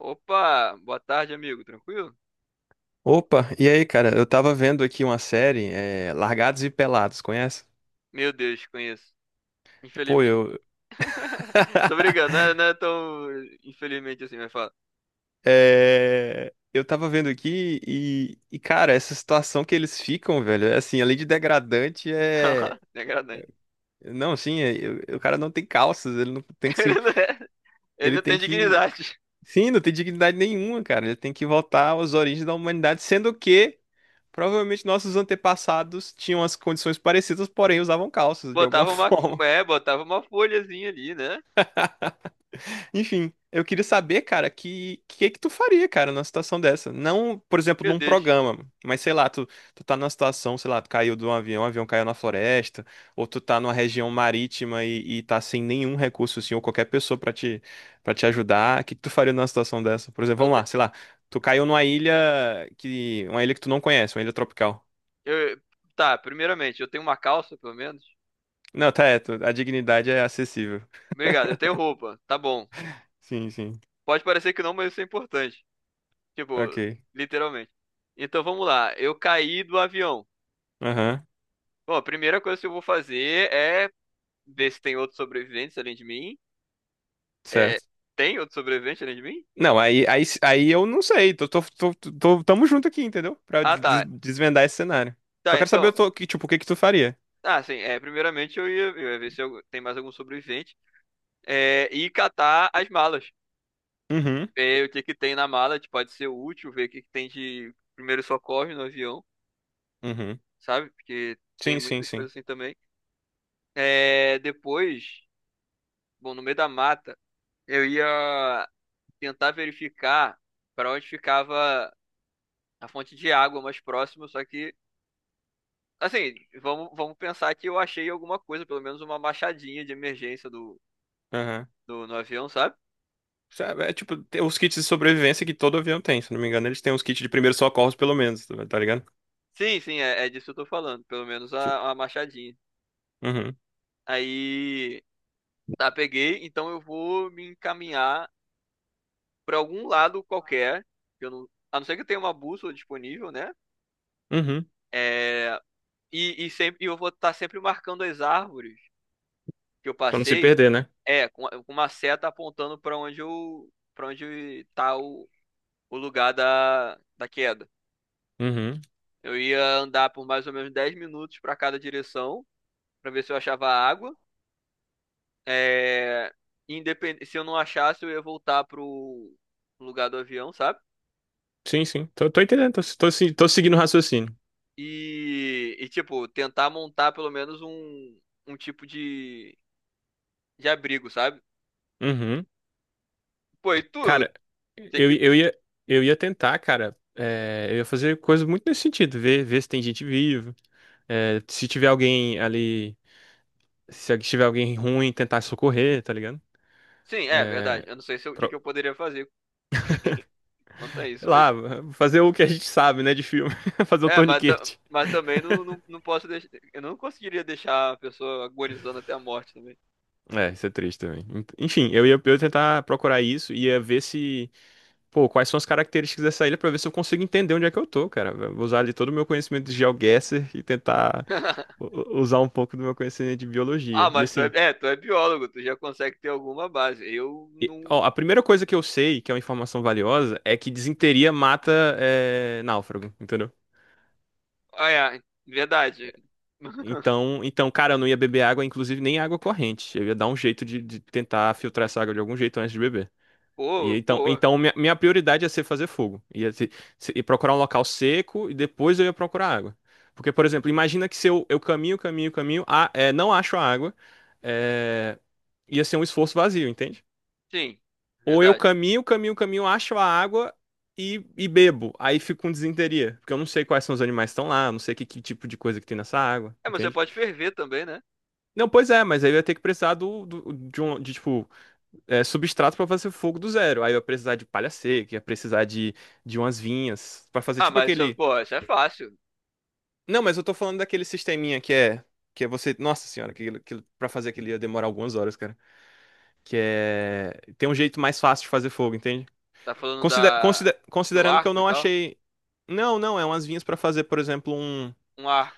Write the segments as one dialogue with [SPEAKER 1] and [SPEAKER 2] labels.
[SPEAKER 1] Opa, boa tarde, amigo. Tranquilo?
[SPEAKER 2] Opa, e aí, cara? Eu tava vendo aqui uma série, Largados e Pelados, conhece?
[SPEAKER 1] Meu Deus, conheço.
[SPEAKER 2] Pô,
[SPEAKER 1] Infelizmente.
[SPEAKER 2] eu.
[SPEAKER 1] Tô brincando, não é, não é tão infelizmente assim, mas fala.
[SPEAKER 2] É, eu tava vendo aqui e, cara, essa situação que eles ficam, velho, é assim, além de degradante, é.
[SPEAKER 1] Degradante.
[SPEAKER 2] Não, assim, o cara não tem calças, ele não tem que se.
[SPEAKER 1] Ele não é- Ele
[SPEAKER 2] Ele
[SPEAKER 1] não
[SPEAKER 2] tem
[SPEAKER 1] tem
[SPEAKER 2] que.
[SPEAKER 1] dignidade.
[SPEAKER 2] Sim, não tem dignidade nenhuma, cara. Ele tem que voltar às origens da humanidade, sendo que provavelmente nossos antepassados tinham as condições parecidas, porém usavam calças de alguma
[SPEAKER 1] Botava uma,
[SPEAKER 2] forma.
[SPEAKER 1] botava uma folhazinha ali, né?
[SPEAKER 2] Enfim, eu queria saber, cara, que tu faria, cara, numa situação dessa? Não, por exemplo,
[SPEAKER 1] Meu
[SPEAKER 2] num
[SPEAKER 1] Deus.
[SPEAKER 2] programa, mas sei lá, tu tá numa situação, sei lá, tu caiu de um avião, o avião caiu na floresta, ou tu tá numa região marítima e tá sem nenhum recurso, assim, ou qualquer pessoa pra te para te ajudar. O que que tu faria numa situação dessa? Por exemplo,
[SPEAKER 1] Eu
[SPEAKER 2] vamos
[SPEAKER 1] te-
[SPEAKER 2] lá, sei lá, tu caiu numa ilha que uma ilha que tu não conhece, uma ilha tropical.
[SPEAKER 1] eu- tá, primeiramente, eu tenho uma calça, pelo menos.
[SPEAKER 2] Não, tá, a dignidade é acessível.
[SPEAKER 1] Obrigado, eu tenho roupa. Tá bom.
[SPEAKER 2] Sim, sim.
[SPEAKER 1] Pode parecer que não, mas isso é importante. Tipo,
[SPEAKER 2] Ok.
[SPEAKER 1] literalmente. Então vamos lá. Eu caí do avião.
[SPEAKER 2] Aham.
[SPEAKER 1] Bom, a primeira coisa que eu vou fazer é ver se tem outros sobreviventes além de mim. É,
[SPEAKER 2] Certo.
[SPEAKER 1] tem outro sobrevivente além de mim?
[SPEAKER 2] Não, aí, eu não sei. Tamo junto aqui, entendeu? Pra
[SPEAKER 1] Ah, tá.
[SPEAKER 2] desvendar esse cenário.
[SPEAKER 1] Tá,
[SPEAKER 2] Só quero saber,
[SPEAKER 1] então.
[SPEAKER 2] que, tipo, o que que tu faria?
[SPEAKER 1] Ah, sim. Primeiramente eu ia ver se eu- tem mais algum sobrevivente. É, e catar as malas.
[SPEAKER 2] Uhum,
[SPEAKER 1] É, o que que tem na mala, que pode ser útil, ver o que que tem de primeiro socorro no avião,
[SPEAKER 2] uhum.
[SPEAKER 1] sabe? Porque tem
[SPEAKER 2] Sim, sim,
[SPEAKER 1] muitas
[SPEAKER 2] sim.
[SPEAKER 1] coisas assim também. É, depois, bom, no meio da mata, eu ia tentar verificar para onde ficava a fonte de água mais próxima, só que assim, vamos pensar que eu achei alguma coisa, pelo menos uma machadinha de emergência do,
[SPEAKER 2] Aham.
[SPEAKER 1] do, no avião, sabe?
[SPEAKER 2] Sabe, é, tipo, tem os kits de sobrevivência que todo avião tem, se não me engano. Eles têm os kits de primeiros socorros, pelo menos, tá tá ligado?
[SPEAKER 1] Sim, sim, é, é disso que eu tô falando. Pelo menos
[SPEAKER 2] Tipo,
[SPEAKER 1] a machadinha.
[SPEAKER 2] uhum,
[SPEAKER 1] Aí, tá, peguei, então eu vou me encaminhar pra algum lado qualquer. Que Eu não, a não ser que eu tenha uma bússola disponível, né?
[SPEAKER 2] uhum.
[SPEAKER 1] É, e eu vou estar sempre marcando as árvores que eu
[SPEAKER 2] Pra não se
[SPEAKER 1] passei,
[SPEAKER 2] perder, né?
[SPEAKER 1] é, com uma seta apontando pra onde eu, para onde tá o lugar da, da queda.
[SPEAKER 2] Uhum.
[SPEAKER 1] Eu ia andar por mais ou menos 10 minutos para cada direção, para ver se eu achava água. É, se eu não achasse, eu ia voltar pro lugar do avião, sabe?
[SPEAKER 2] Sim, sim. Tô entendendo, tô, tô, se- tô seguindo o raciocínio.
[SPEAKER 1] E, tipo, tentar montar pelo menos um, um tipo de abrigo, sabe?
[SPEAKER 2] Uhum.
[SPEAKER 1] Pô, e tu?
[SPEAKER 2] Cara,
[SPEAKER 1] Tem
[SPEAKER 2] eu,
[SPEAKER 1] que…
[SPEAKER 2] eu ia, eu ia tentar, cara. Eu ia fazer coisa muito nesse sentido, ver, se tem gente viva. É, se tiver alguém ali, se tiver alguém ruim, tentar socorrer, tá ligado?
[SPEAKER 1] Sim, é verdade. Eu não sei se eu- o que que eu
[SPEAKER 2] Pro-
[SPEAKER 1] poderia fazer quanto a
[SPEAKER 2] sei
[SPEAKER 1] isso, mas.
[SPEAKER 2] lá, fazer o que a gente sabe, né, de filme. Fazer o
[SPEAKER 1] É, mas,
[SPEAKER 2] torniquete.
[SPEAKER 1] mas também não posso deixar. Eu não conseguiria deixar a pessoa agonizando até a morte também.
[SPEAKER 2] É, isso é triste também. Enfim, eu ia tentar procurar isso, ia ver se, pô, quais são as características dessa ilha pra ver se eu consigo entender onde é que eu tô, cara. Eu vou usar ali todo o meu conhecimento de GeoGuessr e tentar usar um pouco do meu conhecimento de biologia.
[SPEAKER 1] Ah,
[SPEAKER 2] E
[SPEAKER 1] mas tu é,
[SPEAKER 2] assim,
[SPEAKER 1] é, tu é biólogo, tu já consegue ter alguma base. Eu
[SPEAKER 2] ó,
[SPEAKER 1] não.
[SPEAKER 2] a primeira coisa que eu sei, que é uma informação valiosa, é que disenteria mata náufrago, entendeu?
[SPEAKER 1] Ah, é, verdade.
[SPEAKER 2] Então, cara, eu não ia beber água, inclusive nem água corrente. Eu ia dar um jeito de tentar filtrar essa água de algum jeito antes de beber. E
[SPEAKER 1] Boa,
[SPEAKER 2] então,
[SPEAKER 1] boa.
[SPEAKER 2] então minha prioridade ia ser fazer fogo. Ia ser, ia procurar um local seco e depois eu ia procurar água. Porque, por exemplo, imagina que se eu caminho, caminho, caminho, não acho a água, é, ia ser um esforço vazio, entende?
[SPEAKER 1] Sim,
[SPEAKER 2] Ou eu
[SPEAKER 1] verdade.
[SPEAKER 2] caminho, caminho, caminho, acho a água e bebo. Aí fico com disenteria, porque eu não sei quais são os animais que estão lá, eu não sei que, tipo de coisa que tem nessa água,
[SPEAKER 1] É, mas você
[SPEAKER 2] entende?
[SPEAKER 1] pode ferver também, né?
[SPEAKER 2] Não, pois é, mas aí eu ia ter que precisar de, um, de, tipo, substrato pra fazer fogo do zero. Aí eu ia precisar de palha seca, ia precisar de umas vinhas pra fazer
[SPEAKER 1] Ah,
[SPEAKER 2] tipo
[SPEAKER 1] mas isso,
[SPEAKER 2] aquele.
[SPEAKER 1] pô, isso é fácil.
[SPEAKER 2] Não, mas eu tô falando daquele sisteminha que é. Que é você. Nossa senhora, aquilo, pra fazer aquilo ia demorar algumas horas, cara. Que é. Tem um jeito mais fácil de fazer fogo, entende?
[SPEAKER 1] Tá falando
[SPEAKER 2] Consider,
[SPEAKER 1] da
[SPEAKER 2] consider-
[SPEAKER 1] do
[SPEAKER 2] considerando que eu
[SPEAKER 1] arco e
[SPEAKER 2] não
[SPEAKER 1] tal?
[SPEAKER 2] achei. Não, não, é umas vinhas pra fazer, por exemplo, um.
[SPEAKER 1] Um arco.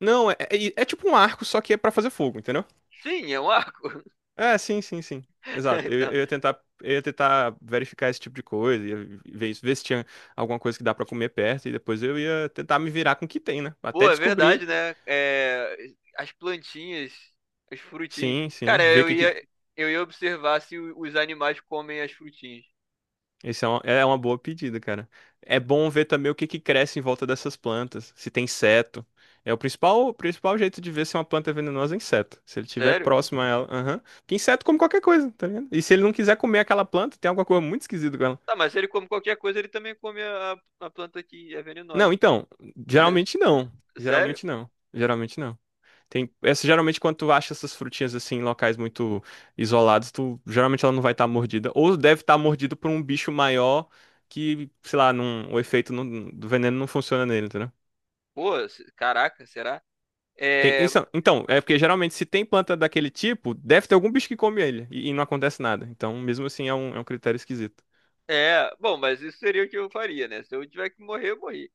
[SPEAKER 2] Não, é tipo um arco, só que é pra fazer fogo, entendeu?
[SPEAKER 1] Sim, é um arco.
[SPEAKER 2] É, sim, sim, sim. Exato. Eu,
[SPEAKER 1] Então,
[SPEAKER 2] eu ia tentar, eu ia tentar verificar esse tipo de coisa, ia ver se tinha alguma coisa que dá pra comer perto, e depois eu ia tentar me virar com o que tem, né?
[SPEAKER 1] pô,
[SPEAKER 2] Até
[SPEAKER 1] é verdade,
[SPEAKER 2] descobrir.
[SPEAKER 1] né? É, as plantinhas, as frutinhas.
[SPEAKER 2] Sim, sim.
[SPEAKER 1] Cara,
[SPEAKER 2] Ver o
[SPEAKER 1] eu
[SPEAKER 2] que, que...
[SPEAKER 1] ia eu ia observar se os animais comem as frutinhas.
[SPEAKER 2] Esse é uma boa pedida, cara. É bom ver também o que, que, cresce em volta dessas plantas, se tem inseto. É o principal jeito de ver se uma planta é venenosa é inseto. Se ele estiver
[SPEAKER 1] Sério?
[SPEAKER 2] próximo a ela. Aham. Porque inseto come qualquer coisa, tá ligado? E se ele não quiser comer aquela planta, tem alguma coisa muito esquisita com ela.
[SPEAKER 1] Tá, mas se ele come qualquer coisa, ele também come a planta que é
[SPEAKER 2] Não,
[SPEAKER 1] venenosa.
[SPEAKER 2] então, geralmente não.
[SPEAKER 1] Sério?
[SPEAKER 2] Geralmente não. Geralmente não. Tem, essa, geralmente, quando tu acha essas frutinhas assim em locais muito isolados, tu geralmente ela não vai estar mordida. Ou deve estar mordida por um bicho maior que, sei lá, não, o efeito do veneno não funciona nele, entendeu?
[SPEAKER 1] Pô, caraca, será?
[SPEAKER 2] Tem,
[SPEAKER 1] É,
[SPEAKER 2] então, é porque geralmente se tem planta daquele tipo, deve ter algum bicho que come ele e não acontece nada. Então, mesmo assim, é um critério esquisito.
[SPEAKER 1] bom, mas isso seria o que eu faria, né? Se eu tiver que morrer, eu morri.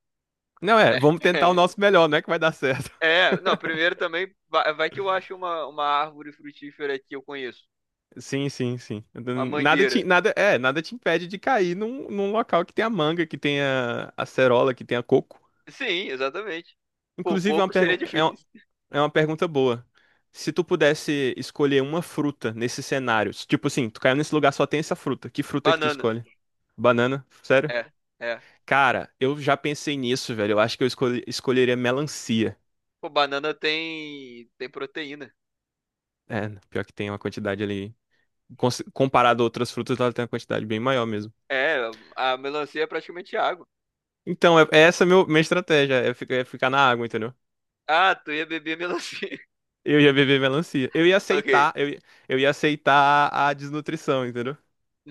[SPEAKER 2] Não é, vamos tentar o nosso melhor, não é que vai dar certo.
[SPEAKER 1] É, não, primeiro também, vai que eu acho uma árvore frutífera que eu conheço.
[SPEAKER 2] Sim, sim, sim.
[SPEAKER 1] Uma
[SPEAKER 2] Nada te,
[SPEAKER 1] mangueira.
[SPEAKER 2] nada, é, nada te impede de cair num local que tenha manga, que tenha acerola, que tenha coco.
[SPEAKER 1] Sim, exatamente. Pô,
[SPEAKER 2] Inclusive, é uma
[SPEAKER 1] coco seria
[SPEAKER 2] pergun- é uma,
[SPEAKER 1] difícil.
[SPEAKER 2] é uma pergunta boa. Se tu pudesse escolher uma fruta nesse cenário, se, tipo assim, tu caiu nesse lugar, só tem essa fruta. Que fruta é que tu
[SPEAKER 1] Banana.
[SPEAKER 2] escolhe? Banana? Sério?
[SPEAKER 1] É, é.
[SPEAKER 2] Cara, eu já pensei nisso, velho. Eu acho que eu escolheria melancia.
[SPEAKER 1] Pô, banana tem, tem proteína.
[SPEAKER 2] É, pior que tem uma quantidade ali. Comparado a outras frutas, ela tem uma quantidade bem maior mesmo.
[SPEAKER 1] É, a melancia é praticamente água.
[SPEAKER 2] Então, é essa meu, minha estratégia, é ficar na água, entendeu?
[SPEAKER 1] Ah, tu ia beber melancia.
[SPEAKER 2] Eu ia beber melancia. Eu ia
[SPEAKER 1] Ok.
[SPEAKER 2] aceitar, eu, ia- eu ia aceitar a desnutrição, entendeu?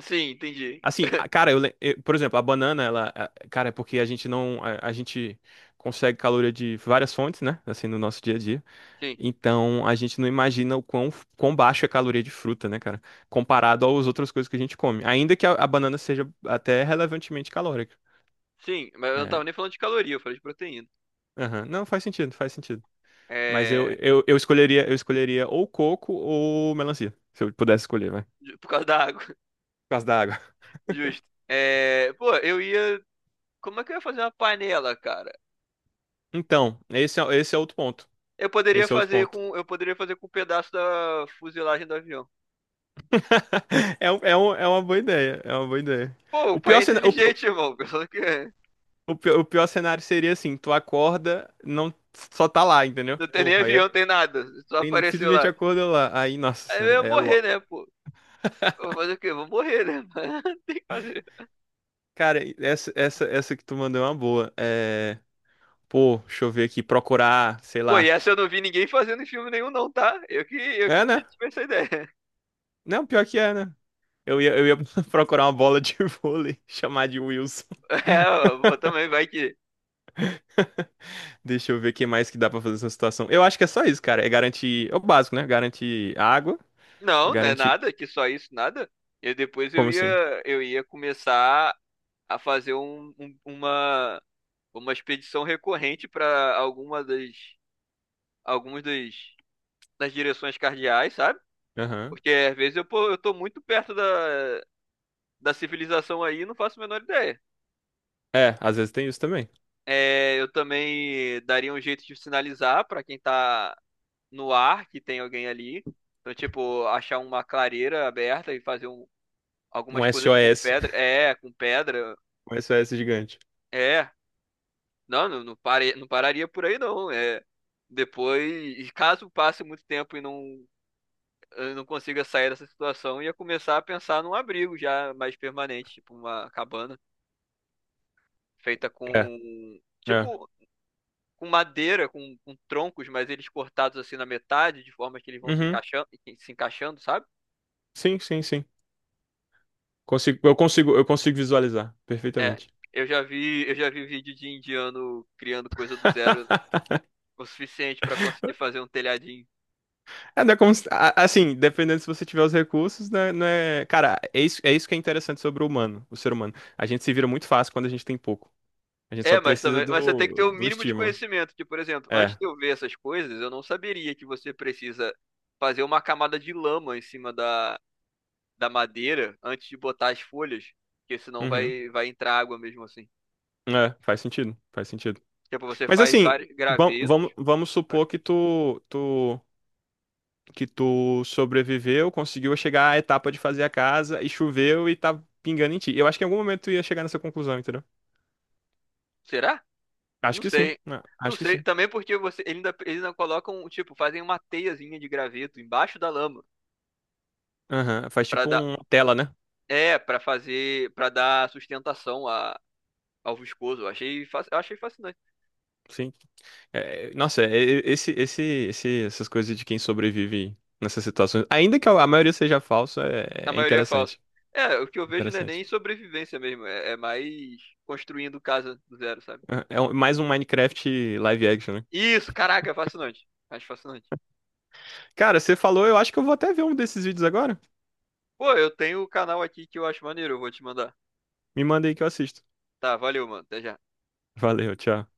[SPEAKER 1] Sim, entendi.
[SPEAKER 2] Assim, cara, por exemplo, a banana, ela, cara, é porque a gente não, a gente consegue caloria de várias fontes, né? Assim, no nosso dia a dia.
[SPEAKER 1] Sim,
[SPEAKER 2] Então, a gente não imagina o quão baixo é a caloria de fruta, né, cara? Comparado às outras coisas que a gente come. Ainda que a banana seja até relevantemente calórica.
[SPEAKER 1] sim, mas eu não tava
[SPEAKER 2] É,
[SPEAKER 1] nem falando de caloria, eu falei de proteína.
[SPEAKER 2] aham. Não, faz sentido, faz sentido. Mas eu,
[SPEAKER 1] É,
[SPEAKER 2] eu, eu escolheria, eu escolheria ou coco ou melancia, se eu pudesse escolher, vai. Por
[SPEAKER 1] por causa da água,
[SPEAKER 2] causa da água.
[SPEAKER 1] justo. É, pô, eu ia, como é que eu ia fazer uma panela, cara?
[SPEAKER 2] Então, esse é outro ponto. Esse é outro ponto.
[SPEAKER 1] Eu poderia fazer com um pedaço da fuselagem do avião.
[SPEAKER 2] É uma boa ideia, é uma boa ideia.
[SPEAKER 1] Pô, o
[SPEAKER 2] O
[SPEAKER 1] pai
[SPEAKER 2] pior,
[SPEAKER 1] é
[SPEAKER 2] cena- o, pi-
[SPEAKER 1] inteligente, irmão. O que
[SPEAKER 2] o pi- o pior cenário seria assim, tu acorda, não só tá lá, entendeu?
[SPEAKER 1] Não tem nem
[SPEAKER 2] Porra, aí
[SPEAKER 1] avião, tem nada. Só apareceu
[SPEAKER 2] simplesmente
[SPEAKER 1] lá.
[SPEAKER 2] acorda lá. Aí, nossa
[SPEAKER 1] Aí eu
[SPEAKER 2] senhora,
[SPEAKER 1] ia
[SPEAKER 2] é lo...
[SPEAKER 1] morrer, né, pô? Eu vou fazer o quê? Eu vou morrer, né? Não tem que fazer.
[SPEAKER 2] Cara, essa que tu mandou é uma boa. É, pô, deixa eu ver aqui, procurar, sei
[SPEAKER 1] Pô, e
[SPEAKER 2] lá.
[SPEAKER 1] essa eu não vi ninguém fazendo em filme nenhum, não, tá? Eu que
[SPEAKER 2] É, né?
[SPEAKER 1] tive essa ideia.
[SPEAKER 2] Não, pior que é, né? Eu ia procurar uma bola de vôlei, chamar de Wilson.
[SPEAKER 1] É, eu também vai que.
[SPEAKER 2] Deixa eu ver o que mais que dá pra fazer nessa situação. Eu acho que é só isso, cara. É garantir. É o básico, né? Garantir água.
[SPEAKER 1] Não, não é
[SPEAKER 2] Garantir.
[SPEAKER 1] nada, que só isso, nada. E depois eu
[SPEAKER 2] Como assim?
[SPEAKER 1] ia, eu ia começar a fazer uma expedição recorrente para algumas das, das direções cardeais, sabe?
[SPEAKER 2] Aham.
[SPEAKER 1] Porque às vezes eu, pô, eu tô muito perto da, da civilização aí e não faço a menor ideia.
[SPEAKER 2] É, às vezes tem isso também.
[SPEAKER 1] É, eu também daria um jeito de sinalizar para quem tá no ar que tem alguém ali. Então, tipo, achar uma clareira aberta e fazer um
[SPEAKER 2] Um
[SPEAKER 1] algumas coisas com
[SPEAKER 2] SOS.
[SPEAKER 1] pedra. É, com pedra.
[SPEAKER 2] Um SOS gigante.
[SPEAKER 1] É. Não, não, não, não pararia por aí, não. É. Depois, caso passe muito tempo e não, eu não consiga sair dessa situação, ia começar a pensar num abrigo já mais permanente, tipo uma cabana feita
[SPEAKER 2] É,
[SPEAKER 1] com,
[SPEAKER 2] é.
[SPEAKER 1] tipo, com madeira, com troncos, mas eles cortados assim na metade, de forma que eles vão
[SPEAKER 2] Uhum.
[SPEAKER 1] se encaixando, sabe?
[SPEAKER 2] Sim, sim, sim. Consigo visualizar
[SPEAKER 1] É,
[SPEAKER 2] perfeitamente.
[SPEAKER 1] eu já vi vídeo de indiano criando coisa do zero o suficiente para conseguir fazer um telhadinho.
[SPEAKER 2] É, não é como assim, dependendo se você tiver os recursos, né, não é, cara, é isso que é interessante sobre o humano, o ser humano. A gente se vira muito fácil quando a gente tem pouco. A gente
[SPEAKER 1] É,
[SPEAKER 2] só
[SPEAKER 1] mas
[SPEAKER 2] precisa
[SPEAKER 1] também, mas você tem que ter
[SPEAKER 2] do,
[SPEAKER 1] o
[SPEAKER 2] do
[SPEAKER 1] mínimo de
[SPEAKER 2] estímulo.
[SPEAKER 1] conhecimento. Que, por exemplo,
[SPEAKER 2] É.
[SPEAKER 1] antes de eu ver essas coisas, eu não saberia que você precisa fazer uma camada de lama em cima da, da madeira antes de botar as folhas, porque senão
[SPEAKER 2] Uhum.
[SPEAKER 1] vai vai entrar água mesmo assim.
[SPEAKER 2] É, faz sentido, faz sentido.
[SPEAKER 1] Tipo, você
[SPEAKER 2] Mas
[SPEAKER 1] faz
[SPEAKER 2] assim,
[SPEAKER 1] vários
[SPEAKER 2] vam-
[SPEAKER 1] gravetos.
[SPEAKER 2] vamos, vamos supor que tu sobreviveu, conseguiu chegar à etapa de fazer a casa e choveu e tá pingando em ti. Eu acho que em algum momento tu ia chegar nessa conclusão, entendeu?
[SPEAKER 1] Será?
[SPEAKER 2] Acho
[SPEAKER 1] Não
[SPEAKER 2] que sim.
[SPEAKER 1] sei.
[SPEAKER 2] né?
[SPEAKER 1] Não
[SPEAKER 2] Acho que
[SPEAKER 1] sei,
[SPEAKER 2] sim.
[SPEAKER 1] também porque você ele ainda eles ainda colocam, tipo, fazem uma teiazinha de graveto embaixo da lama
[SPEAKER 2] Aham. Faz
[SPEAKER 1] para
[SPEAKER 2] tipo
[SPEAKER 1] dar
[SPEAKER 2] uma tela, né?
[SPEAKER 1] para dar sustentação a, ao viscoso. Eu achei fascinante.
[SPEAKER 2] Sim. É, nossa, é, essas coisas de quem sobrevive nessas situações, ainda que a maioria seja falsa,
[SPEAKER 1] A
[SPEAKER 2] é, é
[SPEAKER 1] maioria é falso.
[SPEAKER 2] interessante.
[SPEAKER 1] É, o que eu vejo não é nem
[SPEAKER 2] Interessante.
[SPEAKER 1] sobrevivência mesmo, é, é mais construindo casa do zero, sabe?
[SPEAKER 2] É mais um Minecraft live action, né?
[SPEAKER 1] Isso, caraca, é fascinante. Acho fascinante.
[SPEAKER 2] Cara, você falou, eu acho que eu vou até ver um desses vídeos agora.
[SPEAKER 1] Pô, eu tenho o canal aqui que eu acho maneiro, eu vou te mandar.
[SPEAKER 2] Me manda aí que eu assisto.
[SPEAKER 1] Tá, valeu, mano. Até já.
[SPEAKER 2] Valeu, tchau.